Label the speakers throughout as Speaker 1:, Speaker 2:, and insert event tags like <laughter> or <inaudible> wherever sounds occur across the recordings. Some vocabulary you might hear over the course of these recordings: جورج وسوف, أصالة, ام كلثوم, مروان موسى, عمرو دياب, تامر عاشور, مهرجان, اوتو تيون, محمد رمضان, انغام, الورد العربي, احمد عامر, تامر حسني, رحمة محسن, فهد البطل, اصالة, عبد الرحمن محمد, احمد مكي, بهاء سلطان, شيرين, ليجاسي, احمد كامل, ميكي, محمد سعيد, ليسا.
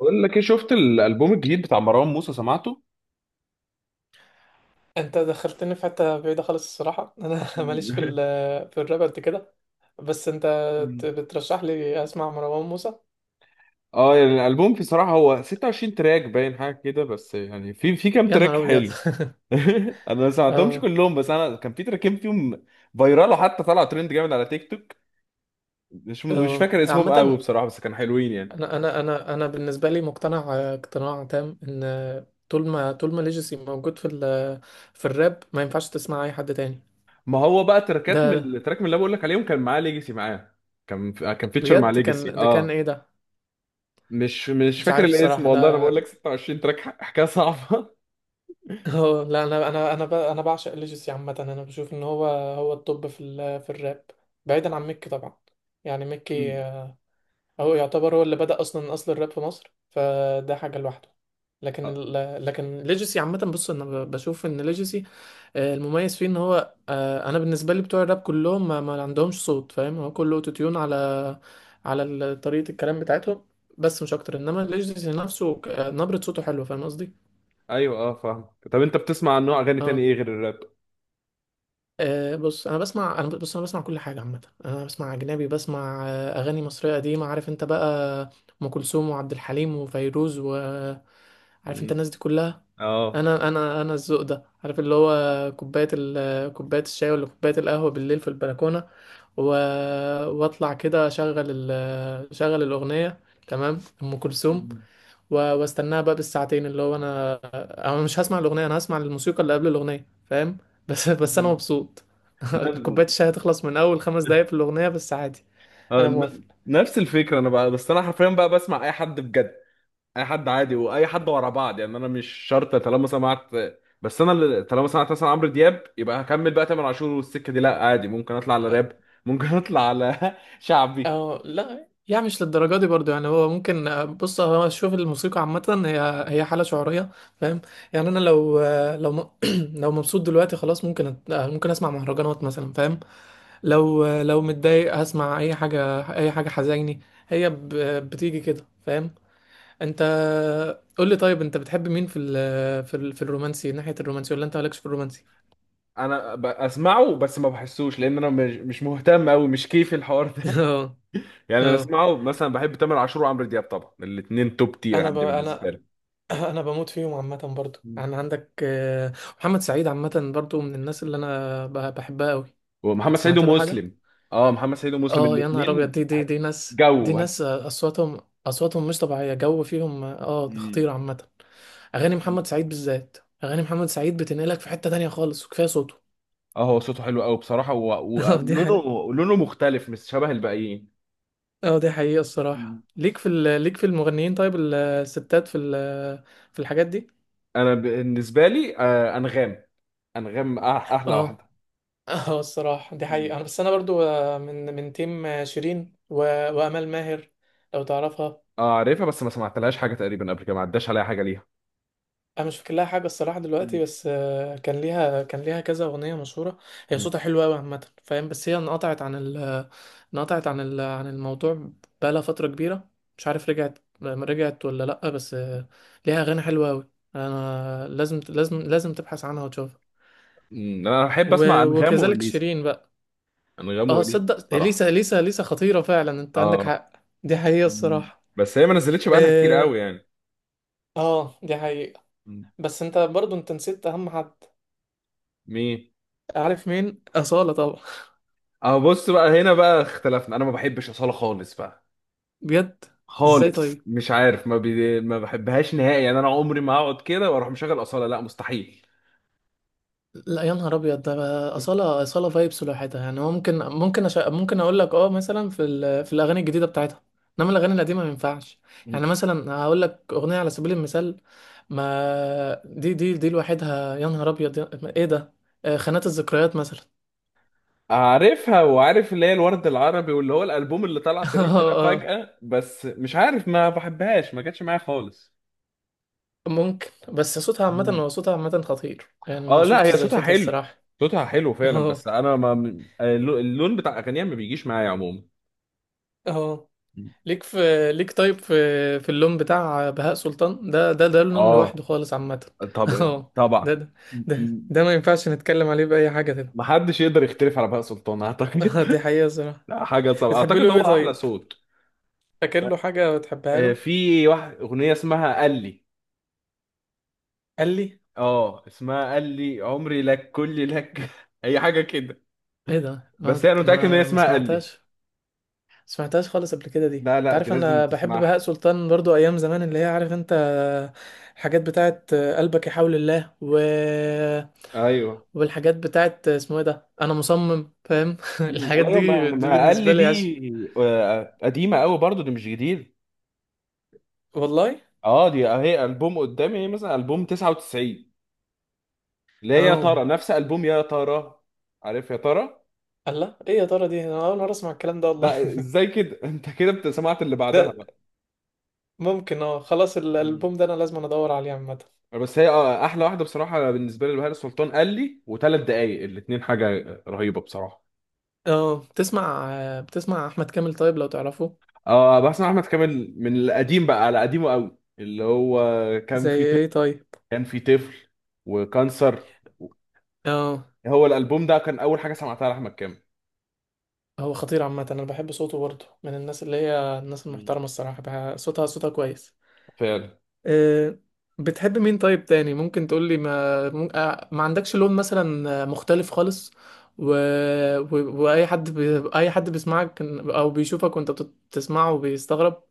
Speaker 1: بقول لك ايه؟ شفت الالبوم الجديد بتاع مروان موسى؟ سمعته؟
Speaker 2: انت دخلتني في حته بعيده خالص الصراحه. انا <laughs> ماليش في ال
Speaker 1: <laughs>
Speaker 2: في الراب قد كده. بس انت بترشح لي اسمع مروان موسى؟
Speaker 1: اه يعني الالبوم بصراحه هو 26 تراك، باين حاجه كده، بس يعني في كام
Speaker 2: يا
Speaker 1: تراك
Speaker 2: نهار ابيض!
Speaker 1: حلو. <laughs> انا ما
Speaker 2: <laughs>
Speaker 1: سمعتهمش
Speaker 2: اه.
Speaker 1: كلهم، بس انا كان في تراكين فيهم فايرال، حتى طلع ترند جامد على تيك توك. مش
Speaker 2: اه
Speaker 1: فاكر اسمهم قوي
Speaker 2: عامه،
Speaker 1: بصراحه، بس كانوا حلوين يعني.
Speaker 2: انا بالنسبه لي مقتنع، اقتناع تام، ان طول ما ليجاسي موجود في ال في الراب، ما ينفعش تسمع اي حد تاني.
Speaker 1: ما هو بقى تراكات من
Speaker 2: ده
Speaker 1: التراك من اللي بقول لك عليهم كان معاه ليجاسي، معاه كان فيتشر مع
Speaker 2: بجد
Speaker 1: ليجاسي
Speaker 2: كان، ده
Speaker 1: اه.
Speaker 2: كان ايه ده؟
Speaker 1: مش
Speaker 2: مش
Speaker 1: فاكر
Speaker 2: عارف
Speaker 1: الاسم
Speaker 2: الصراحه
Speaker 1: والله، انا
Speaker 2: ده.
Speaker 1: بقول لك 26 تراك حكايه صعبه.
Speaker 2: اه لا، انا بعشق ليجسي عامه. انا بشوف ان هو التوب في في الراب، بعيدا عن ميكي طبعا. يعني ميكي هو يعتبر، هو اللي بدأ اصلا اصل الراب في مصر، فده حاجه لوحده.
Speaker 1: <laughs>
Speaker 2: لكن ليجسي عامه، بص انا بشوف ان ليجسي المميز فيه ان هو، انا بالنسبه لي بتوع الراب كلهم ما عندهمش صوت، فاهم؟ هو كله اوتو تيون على على طريقه الكلام بتاعتهم، بس مش اكتر. انما ليجسي نفسه نبره صوته حلوه، فاهم قصدي؟
Speaker 1: ايوه اه فاهم. طب انت بتسمع عن نوع اغاني تاني
Speaker 2: اه.
Speaker 1: ايه غير الراب؟
Speaker 2: أه بص، انا بسمع كل حاجه عامه. انا بسمع اجنبي، بسمع اغاني مصريه قديمه، عارف انت بقى، ام كلثوم وعبد الحليم وفيروز و... عارف انت
Speaker 1: مم.
Speaker 2: الناس دي كلها.
Speaker 1: اه.
Speaker 2: انا الذوق ده، عارف اللي هو كوبايه كوبايه الشاي، ولا كوبايه القهوه بالليل في البلكونه، و... واطلع كده اشغل اشغل الاغنيه. تمام، ام كلثوم،
Speaker 1: مم.
Speaker 2: واستناها بقى بالساعتين، اللي هو انا انا مش هسمع الاغنيه، انا هسمع الموسيقى اللي قبل الاغنيه، فاهم؟ بس <laughs> بس انا
Speaker 1: مم.
Speaker 2: مبسوط. <laughs> كوبايه
Speaker 1: نف-
Speaker 2: الشاي هتخلص من اول 5 دقايق في الاغنيه، بس عادي. انا موافق.
Speaker 1: نفس الفكره انا بقى، بس انا حرفيا بقى بسمع اي حد بجد، اي حد عادي، واي حد ورا بعض، يعني انا مش شرط. طالما سمعت، طالما سمعت مثلا عمرو دياب، يبقى هكمل بقى تامر عاشور والسكه دي، لا عادي ممكن اطلع على راب، ممكن اطلع على <laughs> شعبي.
Speaker 2: اه لا، يعني مش للدرجه دي برضو. يعني هو ممكن، بص هو، شوف الموسيقى عامه هي حاله شعوريه، فاهم؟ يعني انا لو <clears throat> لو مبسوط دلوقتي خلاص، ممكن ممكن اسمع مهرجانات مثلا، فاهم؟ لو لو متضايق، هسمع اي حاجه، اي حاجه حزيني. هي بتيجي كده، فاهم؟ انت قول لي طيب، انت بتحب مين في ال في ال في الرومانسي، ناحية الرومانسي، ولا انت مالكش في الرومانسي؟
Speaker 1: اسمعه بس ما بحسوش، لان انا مش مهتم قوي، مش كيفي الحوار
Speaker 2: <laughs>
Speaker 1: ده.
Speaker 2: اه.
Speaker 1: يعني انا
Speaker 2: اه
Speaker 1: اسمعه مثلا، بحب تامر عاشور وعمرو دياب طبعا، الاثنين توب تير عندي بالنسبه
Speaker 2: انا
Speaker 1: لي.
Speaker 2: <clears throat> انا بموت فيهم عامة برضو.
Speaker 1: مم.
Speaker 2: يعني عندك محمد سعيد عامة، برضو من الناس اللي انا بحبها قوي.
Speaker 1: ومحمد
Speaker 2: انت
Speaker 1: سعيد
Speaker 2: سمعت له حاجة؟
Speaker 1: ومسلم. اه محمد سعيد ومسلم
Speaker 2: اه يا نهار ابيض،
Speaker 1: الاثنين.
Speaker 2: دي ناس، دي
Speaker 1: جو
Speaker 2: ناس
Speaker 1: بس.
Speaker 2: اصواتهم، اصواتهم مش طبيعية، جو فيهم، اه
Speaker 1: مم.
Speaker 2: خطير عامة. اغاني
Speaker 1: مم.
Speaker 2: محمد سعيد بالذات، اغاني محمد سعيد بتنقلك في حتة تانية خالص، وكفاية صوته. <laughs>
Speaker 1: اه هو صوته حلو قوي بصراحه،
Speaker 2: اه دي حقيقة.
Speaker 1: ولونه لونه مختلف، مش شبه الباقيين.
Speaker 2: اه دي حقيقة
Speaker 1: مم.
Speaker 2: الصراحة. ليك في ليك في المغنيين طيب؟ الستات في في الحاجات دي؟
Speaker 1: انا بالنسبه لي انغام. انغام أح- احلى
Speaker 2: اه.
Speaker 1: واحده.
Speaker 2: <laughs> اه الصراحة دي
Speaker 1: مم.
Speaker 2: حقيقة. بس انا برضو من تيم شيرين وامال ماهر، لو تعرفها.
Speaker 1: اه عارفها، بس ما سمعتلهاش حاجه تقريبا قبل كده، ما عداش عليها حاجه ليها.
Speaker 2: انا مش فاكر لها حاجه الصراحه دلوقتي،
Speaker 1: مم.
Speaker 2: بس كان ليها كذا اغنيه مشهوره. هي
Speaker 1: مم.
Speaker 2: صوتها حلو قوي عامه، فاهم؟ بس هي انقطعت عن ال انقطعت عن ال عن الموضوع، بقالها فتره كبيره. مش عارف رجعت ولا لا، بس ليها اغاني حلوه قوي. انا لازم تبحث عنها وتشوفها.
Speaker 1: انا بحب اسمع انغام
Speaker 2: وكذلك
Speaker 1: واليسا،
Speaker 2: شيرين بقى.
Speaker 1: انغام
Speaker 2: اه
Speaker 1: واليسا
Speaker 2: صدق،
Speaker 1: بصراحه.
Speaker 2: ليسا خطيره فعلا، انت عندك
Speaker 1: اه.
Speaker 2: حق. دي حقيقه
Speaker 1: مم.
Speaker 2: الصراحه.
Speaker 1: بس هي ما نزلتش بقالها كتير
Speaker 2: اه
Speaker 1: قوي يعني.
Speaker 2: دي حقيقه.
Speaker 1: مم.
Speaker 2: بس انت برضو، انت نسيت اهم حد.
Speaker 1: مين؟
Speaker 2: عارف مين؟ أصالة طبعا.
Speaker 1: اه بص بقى، هنا بقى اختلفنا، انا ما بحبش اصاله خالص بقى،
Speaker 2: بجد؟ ازاي
Speaker 1: خالص.
Speaker 2: طيب؟
Speaker 1: مش عارف، ما بحبهاش نهائي يعني، انا عمري ما هقعد كده واروح مشغل اصاله، لا مستحيل.
Speaker 2: لا يا نهار ابيض، ده اصاله، اصاله فايبس لوحدها. يعني هو ممكن اقول لك اه مثلا في في الاغاني الجديده بتاعتها، انما الاغاني القديمه ما ينفعش. يعني مثلا هقول لك اغنيه على سبيل المثال، ما دي لوحدها، يا نهار ابيض، يا... ايه ده خانات الذكريات مثلا.
Speaker 1: عارفها، وعارف اللي هي الورد العربي واللي هو الالبوم اللي طلع
Speaker 2: <laughs>
Speaker 1: ترند ده
Speaker 2: اه. اه
Speaker 1: فجأة، بس مش عارف ما بحبهاش، ما جاتش معايا خالص.
Speaker 2: ممكن، بس صوتها عامه،
Speaker 1: مم.
Speaker 2: هو صوتها عامه خطير، يعني ما
Speaker 1: اه لا
Speaker 2: شفتش
Speaker 1: هي
Speaker 2: زي
Speaker 1: صوتها
Speaker 2: صوتها
Speaker 1: حلو،
Speaker 2: الصراحه.
Speaker 1: صوتها حلو
Speaker 2: <laughs>
Speaker 1: فعلا، بس
Speaker 2: اه.
Speaker 1: انا ما اللون بتاع اغانيها ما بيجيش معايا عموما.
Speaker 2: اه ليك في ليك طيب في في اللون بتاع بهاء سلطان، ده لون
Speaker 1: اه.
Speaker 2: لوحده خالص عامة. <laughs>
Speaker 1: طب
Speaker 2: اه.
Speaker 1: طبعا.
Speaker 2: ده ده ده ما ينفعش نتكلم عليه بأي حاجة كده.
Speaker 1: محدش يقدر يختلف على بهاء سلطان اعتقد.
Speaker 2: <laughs> دي
Speaker 1: <laughs>
Speaker 2: حقيقة صراحة.
Speaker 1: لا حاجه صعبه،
Speaker 2: بتحب
Speaker 1: اعتقد هو
Speaker 2: له ايه
Speaker 1: احلى
Speaker 2: طيب؟
Speaker 1: صوت.
Speaker 2: فاكر له حاجة بتحبها
Speaker 1: آه،
Speaker 2: له؟
Speaker 1: في واحد اغنيه اسمها قال لي.
Speaker 2: قال لي؟
Speaker 1: اه اسمها قال لي عمري لك كلي لك <laughs> اي حاجه كده.
Speaker 2: ايه ده،
Speaker 1: بس
Speaker 2: ما
Speaker 1: انا متاكد ان هي
Speaker 2: ما ما
Speaker 1: اسمها قال لي.
Speaker 2: سمعتهاش؟ سمعتهاش خالص قبل كده؟ دي
Speaker 1: لا
Speaker 2: انت
Speaker 1: لا، دي
Speaker 2: عارف
Speaker 1: لازم
Speaker 2: انا بحب بهاء
Speaker 1: تسمعها.
Speaker 2: سلطان برضو، ايام زمان اللي هي عارف انت، الحاجات بتاعت قلبك يحاول الله، و
Speaker 1: ايوه.
Speaker 2: والحاجات بتاعت اسمه ايه ده، انا مصمم، فاهم؟ <laughs> الحاجات
Speaker 1: ايوه ما
Speaker 2: دي
Speaker 1: ما قال
Speaker 2: بالنسبه
Speaker 1: لي دي،
Speaker 2: لي عشق.
Speaker 1: آه، قديمه قوي برضو، دي مش جديد.
Speaker 2: والله؟
Speaker 1: اه دي اهي البوم قدامي، هي مثلا البوم 99، لا يا
Speaker 2: اه
Speaker 1: ترى نفس البوم يا ترى، عارف يا ترى.
Speaker 2: الله، ايه يا ترى دي، انا اول مره اسمع الكلام ده والله.
Speaker 1: لا ازاي كده؟ <laughs> انت كده سمعت اللي
Speaker 2: <laughs>
Speaker 1: بعدها
Speaker 2: ده
Speaker 1: بقى.
Speaker 2: ممكن، اه خلاص
Speaker 1: مم.
Speaker 2: الالبوم ده انا لازم ادور عليه عامه.
Speaker 1: بس هي آه، احلى واحده بصراحه بالنسبه لي بهاء سلطان، قال لي وثلاث دقايق، الاثنين حاجه رهيبه بصراحه.
Speaker 2: اه بتسمع، بتسمع احمد كامل طيب لو تعرفه؟
Speaker 1: اه بس احمد كامل من القديم بقى، على قديمه قوي اللي هو، كان
Speaker 2: زي
Speaker 1: في
Speaker 2: ايه
Speaker 1: طفل،
Speaker 2: طيب؟
Speaker 1: كان في طفل وكانسر،
Speaker 2: اه.
Speaker 1: هو الالبوم ده كان اول حاجه سمعتها لاحمد كامل.
Speaker 2: هو خطير عامة، أنا بحب صوته برضه. من الناس اللي هي الناس
Speaker 1: مم.
Speaker 2: المحترمة الصراحة بقى، صوتها كويس.
Speaker 1: فعلا.
Speaker 2: أه. بتحب مين طيب تاني ممكن تقولي، ما مم- آه، ما عندكش لون مثلا مختلف خالص، و... و... وأي أي حد بيسمعك أو بيشوفك وأنت بتسمعه وبيستغرب؟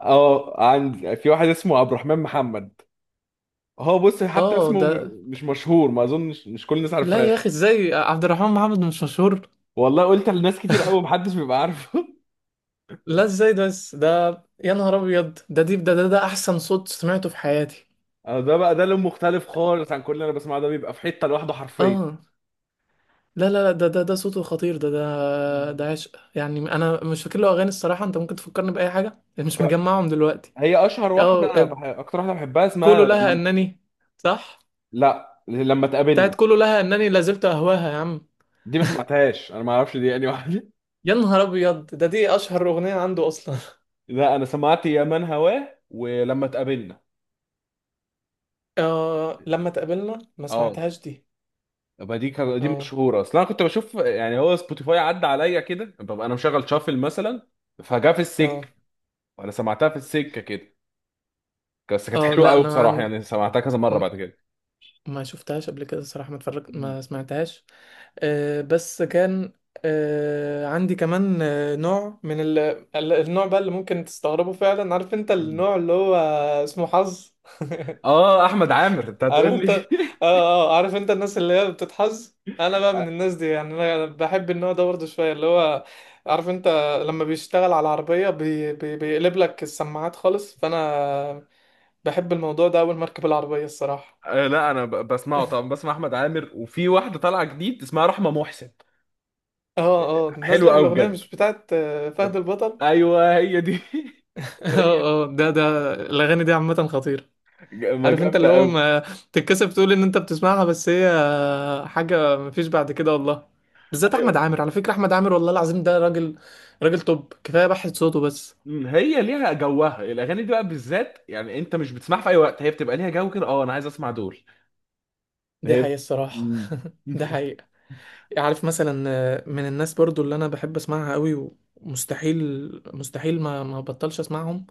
Speaker 1: اه، عند في واحد اسمه عبد الرحمن محمد، هو بص حتى
Speaker 2: اه
Speaker 1: اسمه
Speaker 2: ده؟
Speaker 1: مش مشهور، ما اظنش مش كل الناس
Speaker 2: لا
Speaker 1: عارفاه.
Speaker 2: يا أخي، ازاي عبد الرحمن محمد مش مشهور؟
Speaker 1: والله قلت لناس كتير قوي، محدش بيبقى عارفه.
Speaker 2: لا ازاي ده. يا نهار أبيض، ده دي ده, ده ده أحسن صوت سمعته في حياتي.
Speaker 1: آه، ده بقى ده لون مختلف خالص عن كل اللي انا بسمعه، ده بيبقى في حته لوحده حرفيا.
Speaker 2: اه. لا ده صوته خطير. ده ده
Speaker 1: مم.
Speaker 2: ده عشق. يعني انا مش فاكر له اغاني الصراحه، انت ممكن تفكرني باي حاجه، يعني مش مجمعهم دلوقتي.
Speaker 1: هي اشهر
Speaker 2: او
Speaker 1: واحده اكتر واحده بحبها
Speaker 2: كله
Speaker 1: اسمها
Speaker 2: لها
Speaker 1: لم...
Speaker 2: انني؟ صح.
Speaker 1: لا لما تقابلنا.
Speaker 2: بتاعت كله لها انني لازلت اهواها، يا عم!
Speaker 1: دي ما سمعتهاش انا، ما اعرفش دي يعني واحده.
Speaker 2: يا نهار ابيض، ده دي اشهر اغنيه عنده اصلا.
Speaker 1: <laughs> لا انا سمعت يا من هواه ولما تقابلنا.
Speaker 2: <laughs> آه لما تقابلنا، ما
Speaker 1: اه.
Speaker 2: سمعتهاش دي.
Speaker 1: يبقى دي
Speaker 2: اه.
Speaker 1: مشهوره، اصل انا كنت بشوف يعني، هو سبوتيفاي عدى عليا كده، ببقى انا مشغل شافل مثلا، فجاه في السك،
Speaker 2: اه.
Speaker 1: وانا سمعتها في السكه كده، بس كانت
Speaker 2: اه
Speaker 1: حلوه
Speaker 2: لا
Speaker 1: قوي
Speaker 2: انا ما
Speaker 1: بصراحه،
Speaker 2: عندي،
Speaker 1: يعني سمعتها كذا مره
Speaker 2: م-
Speaker 1: بعد كده.
Speaker 2: ما شفتهاش قبل كده الصراحه، ما اتفرجت، ما سمعتهاش. آه، بس كان آه، عندي كمان نوع من النوع بقى اللي ممكن تستغربه فعلا، عارف انت
Speaker 1: مم.
Speaker 2: النوع اللي هو اسمه حظ.
Speaker 1: اه احمد عامر انت
Speaker 2: <laughs>
Speaker 1: هتقول
Speaker 2: عارف
Speaker 1: لي.
Speaker 2: انت،
Speaker 1: <laughs>
Speaker 2: اه. اه عارف انت الناس اللي هي بتتحظ، انا بقى من الناس دي. يعني انا بحب النوع ده برضه شويه، اللي هو عارف انت، لما بيشتغل على العربيه بيقلب لك السماعات خالص، فانا بحب الموضوع ده اول ما اركب العربيه الصراحه.
Speaker 1: آه، لا بسمعه طبعا، بسمع احمد عامر، وفي واحده طالعه جديد اسمها رحمه محسن،
Speaker 2: اه. اه نازله
Speaker 1: حلوه قوي
Speaker 2: بالاغنيه،
Speaker 1: بجد.
Speaker 2: مش بتاعت فهد البطل؟
Speaker 1: ايوه هي دي.
Speaker 2: <laughs>
Speaker 1: <laughs> هي،
Speaker 2: اه. اه ده الاغاني دي عامه خطيره.
Speaker 1: ما
Speaker 2: عارف انت اللي
Speaker 1: جامده
Speaker 2: هو
Speaker 1: قوي.
Speaker 2: ما تتكسف تقول ان انت بتسمعها، بس هي حاجه مفيش بعد كده والله. بالذات احمد
Speaker 1: ايوه.
Speaker 2: عامر، على فكره احمد عامر، والله العظيم ده راجل، راجل توب، كفايه بحث صوته بس.
Speaker 1: أمم، هي ليها جوها الاغاني دي بقى بالذات، يعني انت مش بتسمعها في اي وقت، هي بتبقى ليها جو كده. اه انا عايز اسمع دول.
Speaker 2: دي
Speaker 1: هي.
Speaker 2: حقيقه الصراحه.
Speaker 1: أمم.
Speaker 2: <laughs> ده
Speaker 1: <laughs>
Speaker 2: حقيقه. عارف مثلا من الناس برضو اللي انا بحب اسمعها قوي، ومستحيل مستحيل ما ما بطلش اسمعهم،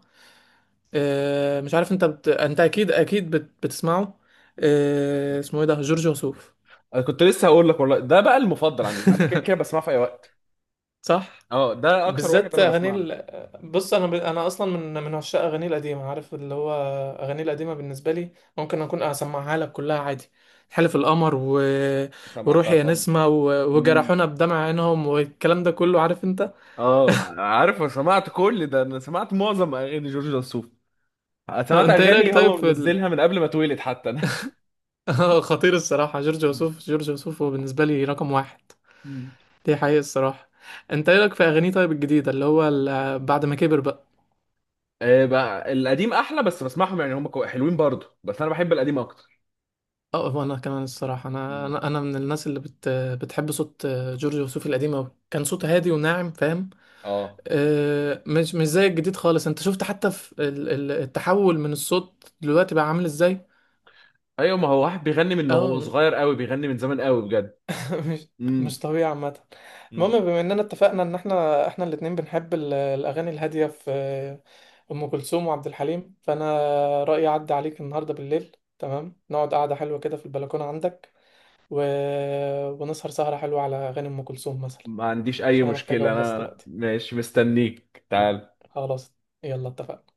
Speaker 2: مش عارف انت انت بتسمعه، اسمه ايه ده، جورج وسوف.
Speaker 1: انا كنت لسه هقول لك والله، ده بقى المفضل عندي، ده انا كده كده
Speaker 2: <laughs>
Speaker 1: بسمعه في اي وقت.
Speaker 2: صح.
Speaker 1: اه ده اكتر واحد
Speaker 2: بالذات
Speaker 1: انا
Speaker 2: اغاني
Speaker 1: بسمع له.
Speaker 2: بص انا اصلا من عشاق اغاني القديمه، عارف اللي هو اغاني القديمه بالنسبه لي، ممكن اكون اسمعها لك كلها عادي. حلف القمر،
Speaker 1: سمعتها.
Speaker 2: وروحي يا
Speaker 1: طبعا.
Speaker 2: نسمه، وجرحونا بدمع عينهم، والكلام ده كله، عارف انت.
Speaker 1: اه عارف، انا سمعت كل ده، انا سمعت معظم اغاني جورج وسوف، سمعت
Speaker 2: انت ايه رايك
Speaker 1: اغاني
Speaker 2: طيب
Speaker 1: هو
Speaker 2: في
Speaker 1: منزلها من قبل ما اتولد حتى انا.
Speaker 2: <laughs> خطير الصراحه، جورج وسوف هو بالنسبه لي رقم 1.
Speaker 1: مم.
Speaker 2: دي حقيقه الصراحه. انت ايه رايك في اغانيه طيب الجديده، اللي هو بعد ما كبر بقى؟
Speaker 1: <laughs> آه، بقى القديم احلى، بس بسمعهم يعني، هم حلوين برضه، بس انا بحب القديم اكتر.
Speaker 2: اه وانا كمان الصراحه، انا
Speaker 1: مم.
Speaker 2: انا انا من الناس اللي بتحب صوت جورج وسوف القديم أوي، كان صوته هادي وناعم، فاهم؟
Speaker 1: اه
Speaker 2: مش زي الجديد خالص. انت شفت حتى في التحول من الصوت دلوقتي بقى عامل ازاي؟
Speaker 1: ايوه، ما هو واحد بيغني من هو
Speaker 2: اه.
Speaker 1: صغير قوي، بيغني من زمان قوي بجد.
Speaker 2: <laughs> مش مش
Speaker 1: مم.
Speaker 2: طبيعي عامه.
Speaker 1: مم.
Speaker 2: المهم، بما اننا اتفقنا ان احنا الاتنين بنحب الاغاني الهاديه في ام كلثوم وعبد الحليم، فانا رايي اعدي عليك النهارده بالليل، تمام؟ نقعد قعده حلوه كده في البلكونه عندك، و... ونسهر سهرة حلوة على أغاني أم كلثوم مثلا.
Speaker 1: ما عنديش اي
Speaker 2: عشان أنا محتاج
Speaker 1: مشكلة
Speaker 2: أقوم بس
Speaker 1: انا،
Speaker 2: دلوقتي.
Speaker 1: ماشي مستنيك تعال.
Speaker 2: خلاص، يلا اتفقنا.